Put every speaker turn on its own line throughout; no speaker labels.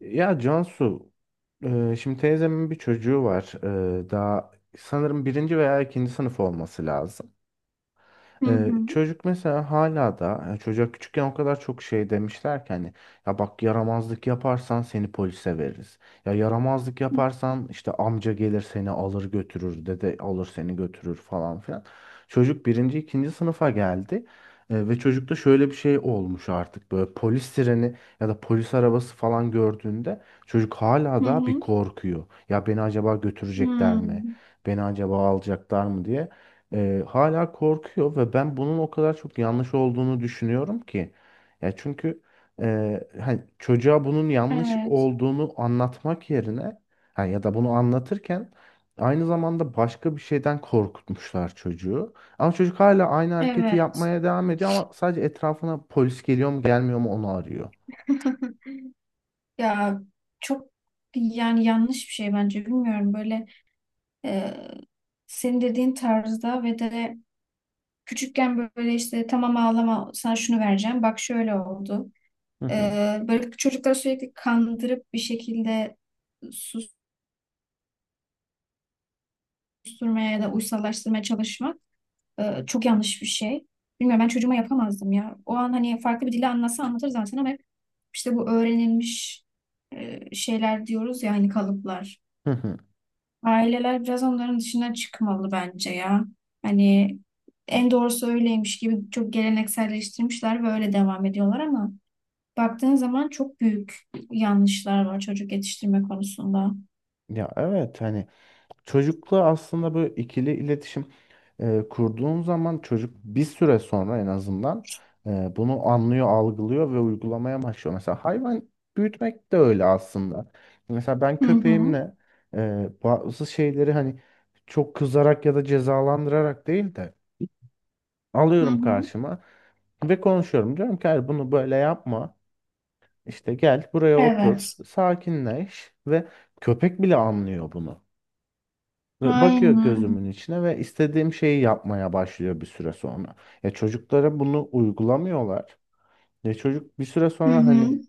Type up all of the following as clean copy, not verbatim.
Ya Cansu, şimdi teyzemin bir çocuğu var. Daha sanırım birinci veya ikinci sınıf olması lazım.
Hı hı.
Çocuk mesela hala da yani çocuğa küçükken o kadar çok şey demişler ki hani ya bak yaramazlık yaparsan seni polise veririz. Ya yaramazlık yaparsan işte amca gelir seni alır götürür, dede alır seni götürür falan filan. Çocuk birinci ikinci sınıfa geldi. Ve çocukta şöyle bir şey olmuş, artık böyle polis sireni ya da polis arabası falan gördüğünde çocuk hala
Hı
da bir
hı.
korkuyor. Ya beni acaba götürecekler mi?
Hmm.
Beni acaba alacaklar mı diye hala korkuyor ve ben bunun o kadar çok yanlış olduğunu düşünüyorum ki. Ya çünkü hani çocuğa bunun yanlış
Evet.
olduğunu anlatmak yerine ha, ya da bunu anlatırken aynı zamanda başka bir şeyden korkutmuşlar çocuğu. Ama çocuk hala aynı hareketi
Evet.
yapmaya devam ediyor, ama sadece etrafına polis geliyor mu gelmiyor mu onu arıyor.
Ya çok yani yanlış bir şey bence bilmiyorum böyle e, senin dediğin tarzda ve de küçükken böyle işte tamam ağlama sana şunu vereceğim bak şöyle oldu.
Hı
E,
hı.
Böyle çocukları sürekli kandırıp bir şekilde susturmaya ya da uysallaştırmaya çalışmak çok yanlış bir şey. Bilmiyorum ben çocuğuma yapamazdım ya. O an hani farklı bir dille anlatsa anlatır zaten ama hep işte bu öğrenilmiş şeyler diyoruz ya hani kalıplar.
Hı hı.
Aileler biraz onların dışına çıkmalı bence ya. Hani en doğrusu öyleymiş gibi çok gelenekselleştirmişler ve öyle devam ediyorlar ama baktığın zaman çok büyük yanlışlar var çocuk yetiştirme konusunda.
Ya evet, hani çocukla aslında böyle ikili iletişim kurduğun zaman çocuk bir süre sonra en azından bunu anlıyor, algılıyor ve uygulamaya başlıyor. Mesela hayvan büyütmek de öyle aslında. Mesela ben
Hı hı,
köpeğimle bazı şeyleri hani çok kızarak ya da cezalandırarak değil de
hı
alıyorum
hı.
karşıma ve konuşuyorum. Diyorum ki hayır, bunu böyle yapma. İşte gel buraya otur,
Evet.
sakinleş ve köpek bile anlıyor bunu. Ve bakıyor
Aynen.
gözümün içine ve istediğim şeyi yapmaya başlıyor bir süre sonra. Ya çocuklara bunu uygulamıyorlar. Ya çocuk bir süre
Hı
sonra
hı,
hani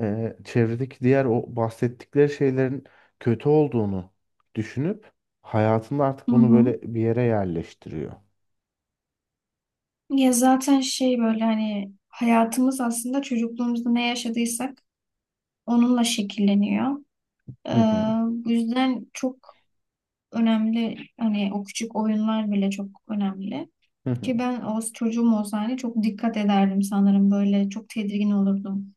çevredeki diğer o bahsettikleri şeylerin kötü olduğunu düşünüp hayatında artık
hı
bunu
hı.
böyle bir yere yerleştiriyor.
Ya zaten şey böyle hani hayatımız aslında çocukluğumuzda ne yaşadıysak onunla şekilleniyor. Ee,
Hı hı.
Bu yüzden çok önemli hani o küçük oyunlar bile çok önemli.
Hı hı.
Ki ben o çocuğum olsa hani çok dikkat ederdim sanırım böyle çok tedirgin olurdum.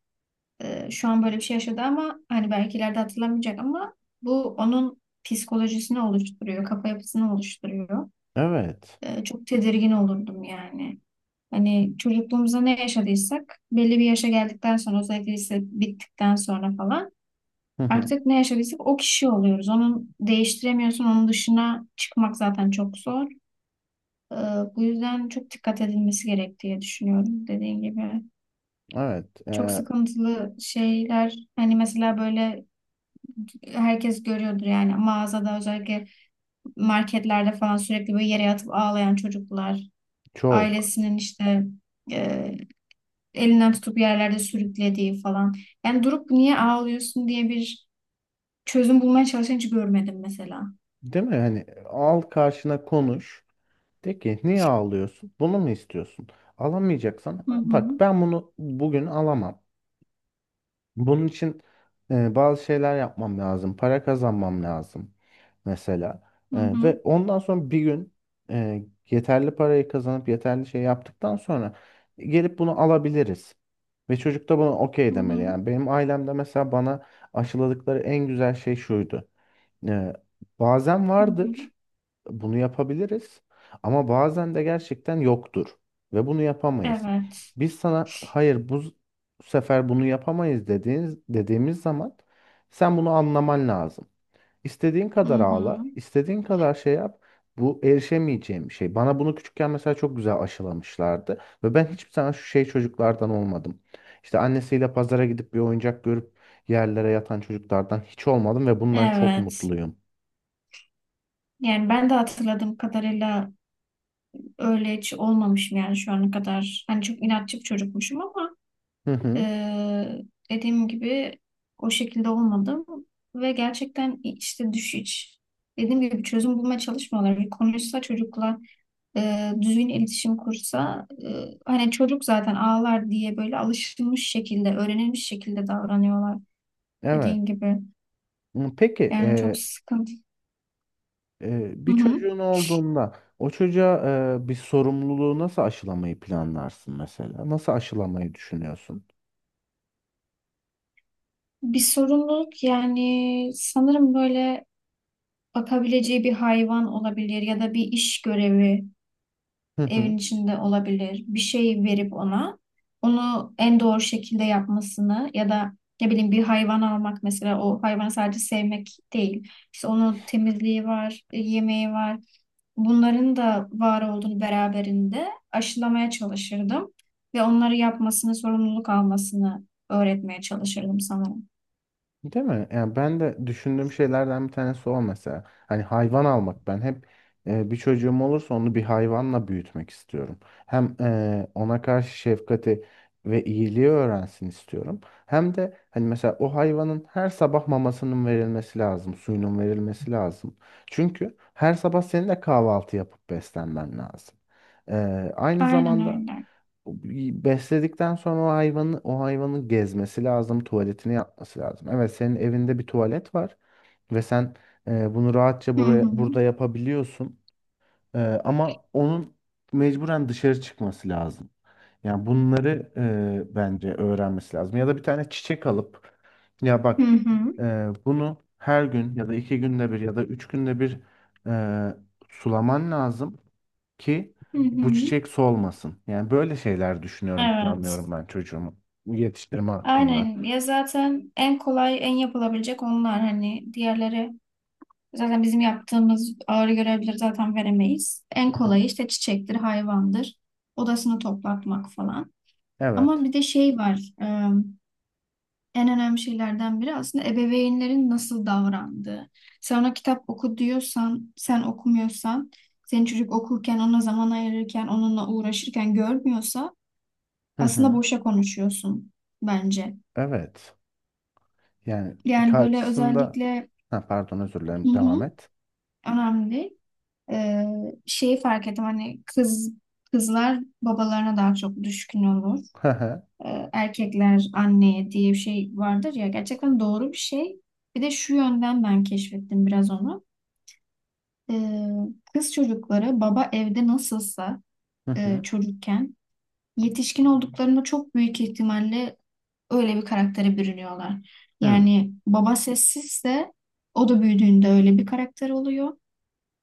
Şu an böyle bir şey yaşadı ama hani belki ileride hatırlamayacak ama bu onun psikolojisini oluşturuyor, kafa yapısını oluşturuyor.
Evet.
Çok tedirgin olurdum yani. Hani çocukluğumuzda ne yaşadıysak belli bir yaşa geldikten sonra özellikle lise bittikten sonra falan
Hı hı.
artık ne yaşadıysak o kişi oluyoruz. Onu değiştiremiyorsun. Onun dışına çıkmak zaten çok zor. Ee, Bu yüzden çok dikkat edilmesi gerek diye düşünüyorum dediğin gibi.
Evet.
Çok sıkıntılı şeyler hani mesela böyle herkes görüyordur yani mağazada özellikle marketlerde falan sürekli böyle yere yatıp ağlayan çocuklar
Çok.
ailesinin işte e, elinden tutup yerlerde sürüklediği falan. Yani durup niye ağlıyorsun diye bir çözüm bulmaya çalışan hiç görmedim mesela.
Değil mi? Hani al karşına konuş. De ki niye ağlıyorsun? Bunu mu istiyorsun? Alamayacaksan
Hı
bak,
hı,
ben bunu bugün alamam. Bunun için bazı şeyler yapmam lazım. Para kazanmam lazım mesela.
hı hı,
Ve ondan sonra bir gün yeterli parayı kazanıp yeterli şey yaptıktan sonra gelip bunu alabiliriz. Ve çocuk da buna okey
hı
demeli.
hı,
Yani benim ailemde mesela bana aşıladıkları en güzel şey şuydu. E, Bazen
hı hı.
vardır. Bunu yapabiliriz, ama bazen de gerçekten yoktur ve bunu yapamayız.
Evet.
Biz sana hayır, bu sefer bunu yapamayız dediğimiz zaman sen bunu anlaman lazım. İstediğin
Hı
kadar
hı.
ağla, istediğin kadar şey yap. Bu erişemeyeceğim bir şey. Bana bunu küçükken mesela çok güzel aşılamışlardı ve ben hiçbir zaman şu şey çocuklardan olmadım. İşte annesiyle pazara gidip bir oyuncak görüp yerlere yatan çocuklardan hiç olmadım ve bundan çok
Evet.
mutluyum.
Yani ben de hatırladığım kadarıyla öyle hiç olmamışım yani şu ana kadar. Hani çok inatçı bir çocukmuşum ama
Hı hı.
eee, dediğim gibi o şekilde olmadım. Ve gerçekten işte düş hiç dediğim gibi bir çözüm bulmaya çalışmıyorlar. Bir konuşsa çocukla düzgün iletişim kursa hani çocuk zaten ağlar diye böyle alışılmış şekilde, öğrenilmiş şekilde davranıyorlar
Evet.
dediğin gibi.
Hı, peki
Yani çok sıkıntı. Hı
bir
hı.
çocuğun olduğunda o çocuğa bir sorumluluğu nasıl aşılamayı planlarsın mesela? Nasıl aşılamayı düşünüyorsun?
Bir sorumluluk yani sanırım böyle bakabileceği bir hayvan olabilir ya da bir iş görevi
Hı
evin
hı.
içinde olabilir. Bir şey verip ona onu en doğru şekilde yapmasını ya da ne bileyim bir hayvan almak mesela o hayvanı sadece sevmek değil. İşte onun temizliği var, yemeği var. Bunların da var olduğunu beraberinde aşılamaya çalışırdım ve onları yapmasını, sorumluluk almasını öğretmeye çalışırdım sanırım.
Değil mi? Yani ben de düşündüğüm şeylerden bir tanesi o mesela. Hani hayvan almak, ben hep bir çocuğum olursa onu bir hayvanla büyütmek istiyorum. Hem ona karşı şefkati ve iyiliği öğrensin istiyorum. Hem de hani mesela o hayvanın her sabah mamasının verilmesi lazım, suyunun verilmesi lazım. Çünkü her sabah senin de kahvaltı yapıp beslenmen lazım. E, Aynı
Aynen
zamanda
öyle.
besledikten sonra o hayvanı o hayvanın gezmesi lazım, tuvaletini yapması lazım. Evet, senin evinde bir tuvalet var ve sen bunu rahatça
Hı
buraya
hı.
burada yapabiliyorsun. Ama onun mecburen dışarı çıkması lazım. Yani bunları bence öğrenmesi lazım. Ya da bir tane çiçek alıp ya
Hı
bak,
hı.
hı. Bunu her gün ya da iki günde bir ya da üç günde bir e, sulaman lazım ki
Hı
bu
hı.
çiçek solmasın. Yani böyle şeyler düşünüyorum,
Evet.
planlıyorum ben çocuğumu yetiştirme hakkında.
Aynen. Ya zaten en kolay, en yapılabilecek onlar. Hani diğerleri zaten bizim yaptığımız ağır görevleri zaten veremeyiz. En
Hı hı.
kolayı işte çiçektir, hayvandır, odasını toplatmak falan. Ama
Evet.
bir de şey var. En önemli şeylerden biri aslında ebeveynlerin nasıl davrandığı. Sen ona kitap oku diyorsan, sen okumuyorsan, senin çocuk okurken, ona zaman ayırırken, onunla uğraşırken görmüyorsa
Hı
aslında
hı.
boşa konuşuyorsun bence.
Evet. Yani
Yani böyle
karşısında
özellikle
ha, pardon, özür
hı
dilerim,
hı,
devam et.
önemli. Ee, Şeyi fark ettim hani kız kızlar babalarına daha çok düşkün olur.
Hı hı.
Erkekler anneye diye bir şey vardır ya gerçekten doğru bir şey. Bir de şu yönden ben keşfettim biraz onu. Ee, Kız çocukları baba evde nasılsa
Hı hı.
çocukken yetişkin olduklarında çok büyük ihtimalle öyle bir karaktere bürünüyorlar.
Hı
Yani baba sessizse o da büyüdüğünde öyle bir karakter oluyor.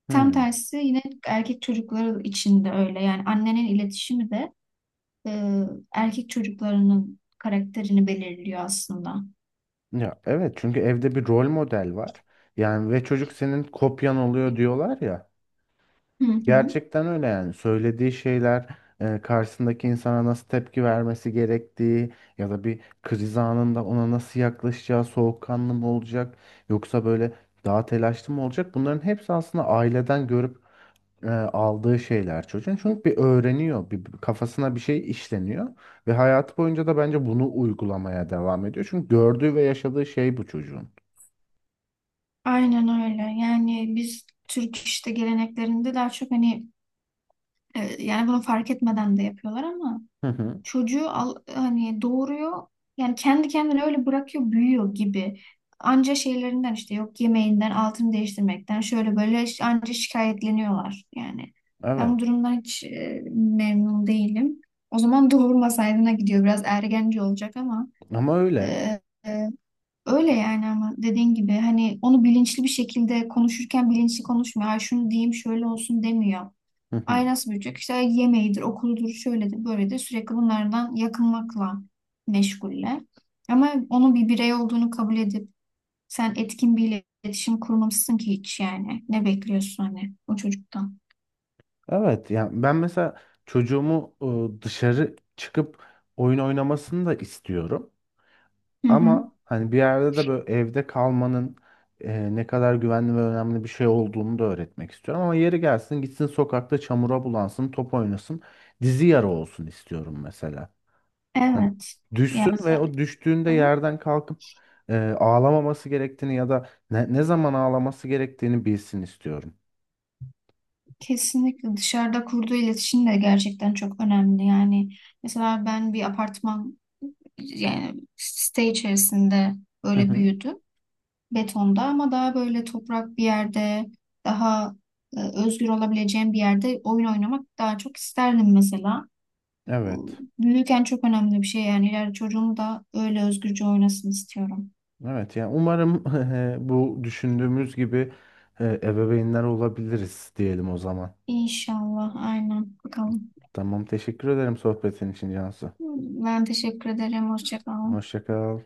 Tam
hı.
tersi yine erkek çocukları için de öyle. Yani annenin iletişimi de e, erkek çocuklarının karakterini belirliyor aslında.
Ya evet, çünkü evde bir rol model var. Yani ve çocuk senin kopyan oluyor diyorlar ya.
Hı hı.
Gerçekten öyle. Yani söylediği şeyler, karşısındaki insana nasıl tepki vermesi gerektiği ya da bir kriz anında ona nasıl yaklaşacağı, soğukkanlı mı olacak yoksa böyle daha telaşlı mı olacak, bunların hepsi aslında aileden görüp aldığı şeyler çocuğun. Çünkü bir öğreniyor, bir kafasına bir şey işleniyor ve hayatı boyunca da bence bunu uygulamaya devam ediyor, çünkü gördüğü ve yaşadığı şey bu çocuğun.
Aynen öyle. Yani biz Türk işte geleneklerinde daha çok hani evet, yani bunu fark etmeden de yapıyorlar ama
Hı hı.
çocuğu al, hani doğuruyor yani kendi kendine öyle bırakıyor büyüyor gibi. Anca şeylerinden işte yok yemeğinden altını değiştirmekten şöyle böyle anca şikayetleniyorlar yani. Ben bu
Evet
durumdan hiç memnun değilim. O zaman doğurmasaydına gidiyor biraz ergenci olacak ama
ama öyle.
e, e, öyle yani ama dediğin gibi hani onu bilinçli bir şekilde konuşurken bilinçli konuşmuyor. Ay şunu diyeyim şöyle olsun demiyor. Ay nasıl büyüyecek? İşte yemeğidir, okuludur, şöyledir, böyledir. Sürekli bunlardan yakınmakla meşguller. Ama onun bir birey olduğunu kabul edip sen etkin bir iletişim kurmamışsın ki hiç yani. Ne bekliyorsun hani o çocuktan?
Evet, yani ben mesela çocuğumu dışarı çıkıp oyun oynamasını da istiyorum.
Hı hı.
Ama hani bir yerde de böyle evde kalmanın ne kadar güvenli ve önemli bir şey olduğunu da öğretmek istiyorum. Ama yeri gelsin gitsin sokakta çamura bulansın, top oynasın, dizi yara olsun istiyorum mesela. Hani
Evet. Ya,
düşsün ve o düştüğünde
hı,
yerden kalkıp ağlamaması gerektiğini ya da ne zaman ağlaması gerektiğini bilsin istiyorum.
kesinlikle dışarıda kurduğu iletişim de gerçekten çok önemli. Yani mesela ben bir apartman yani site içerisinde
Hı
böyle
hı.
büyüdüm. Betonda ama daha böyle toprak bir yerde daha e, özgür olabileceğim bir yerde oyun oynamak daha çok isterdim mesela. Bu
Evet.
büyürken çok önemli bir şey yani ileride çocuğum da öyle özgürce oynasın istiyorum.
Evet, yani umarım bu düşündüğümüz gibi ebeveynler olabiliriz diyelim o zaman.
İnşallah aynen bakalım.
Tamam, teşekkür ederim sohbetin için Cansu.
Ben teşekkür ederim. Hoşça kalın.
Hoşça kal.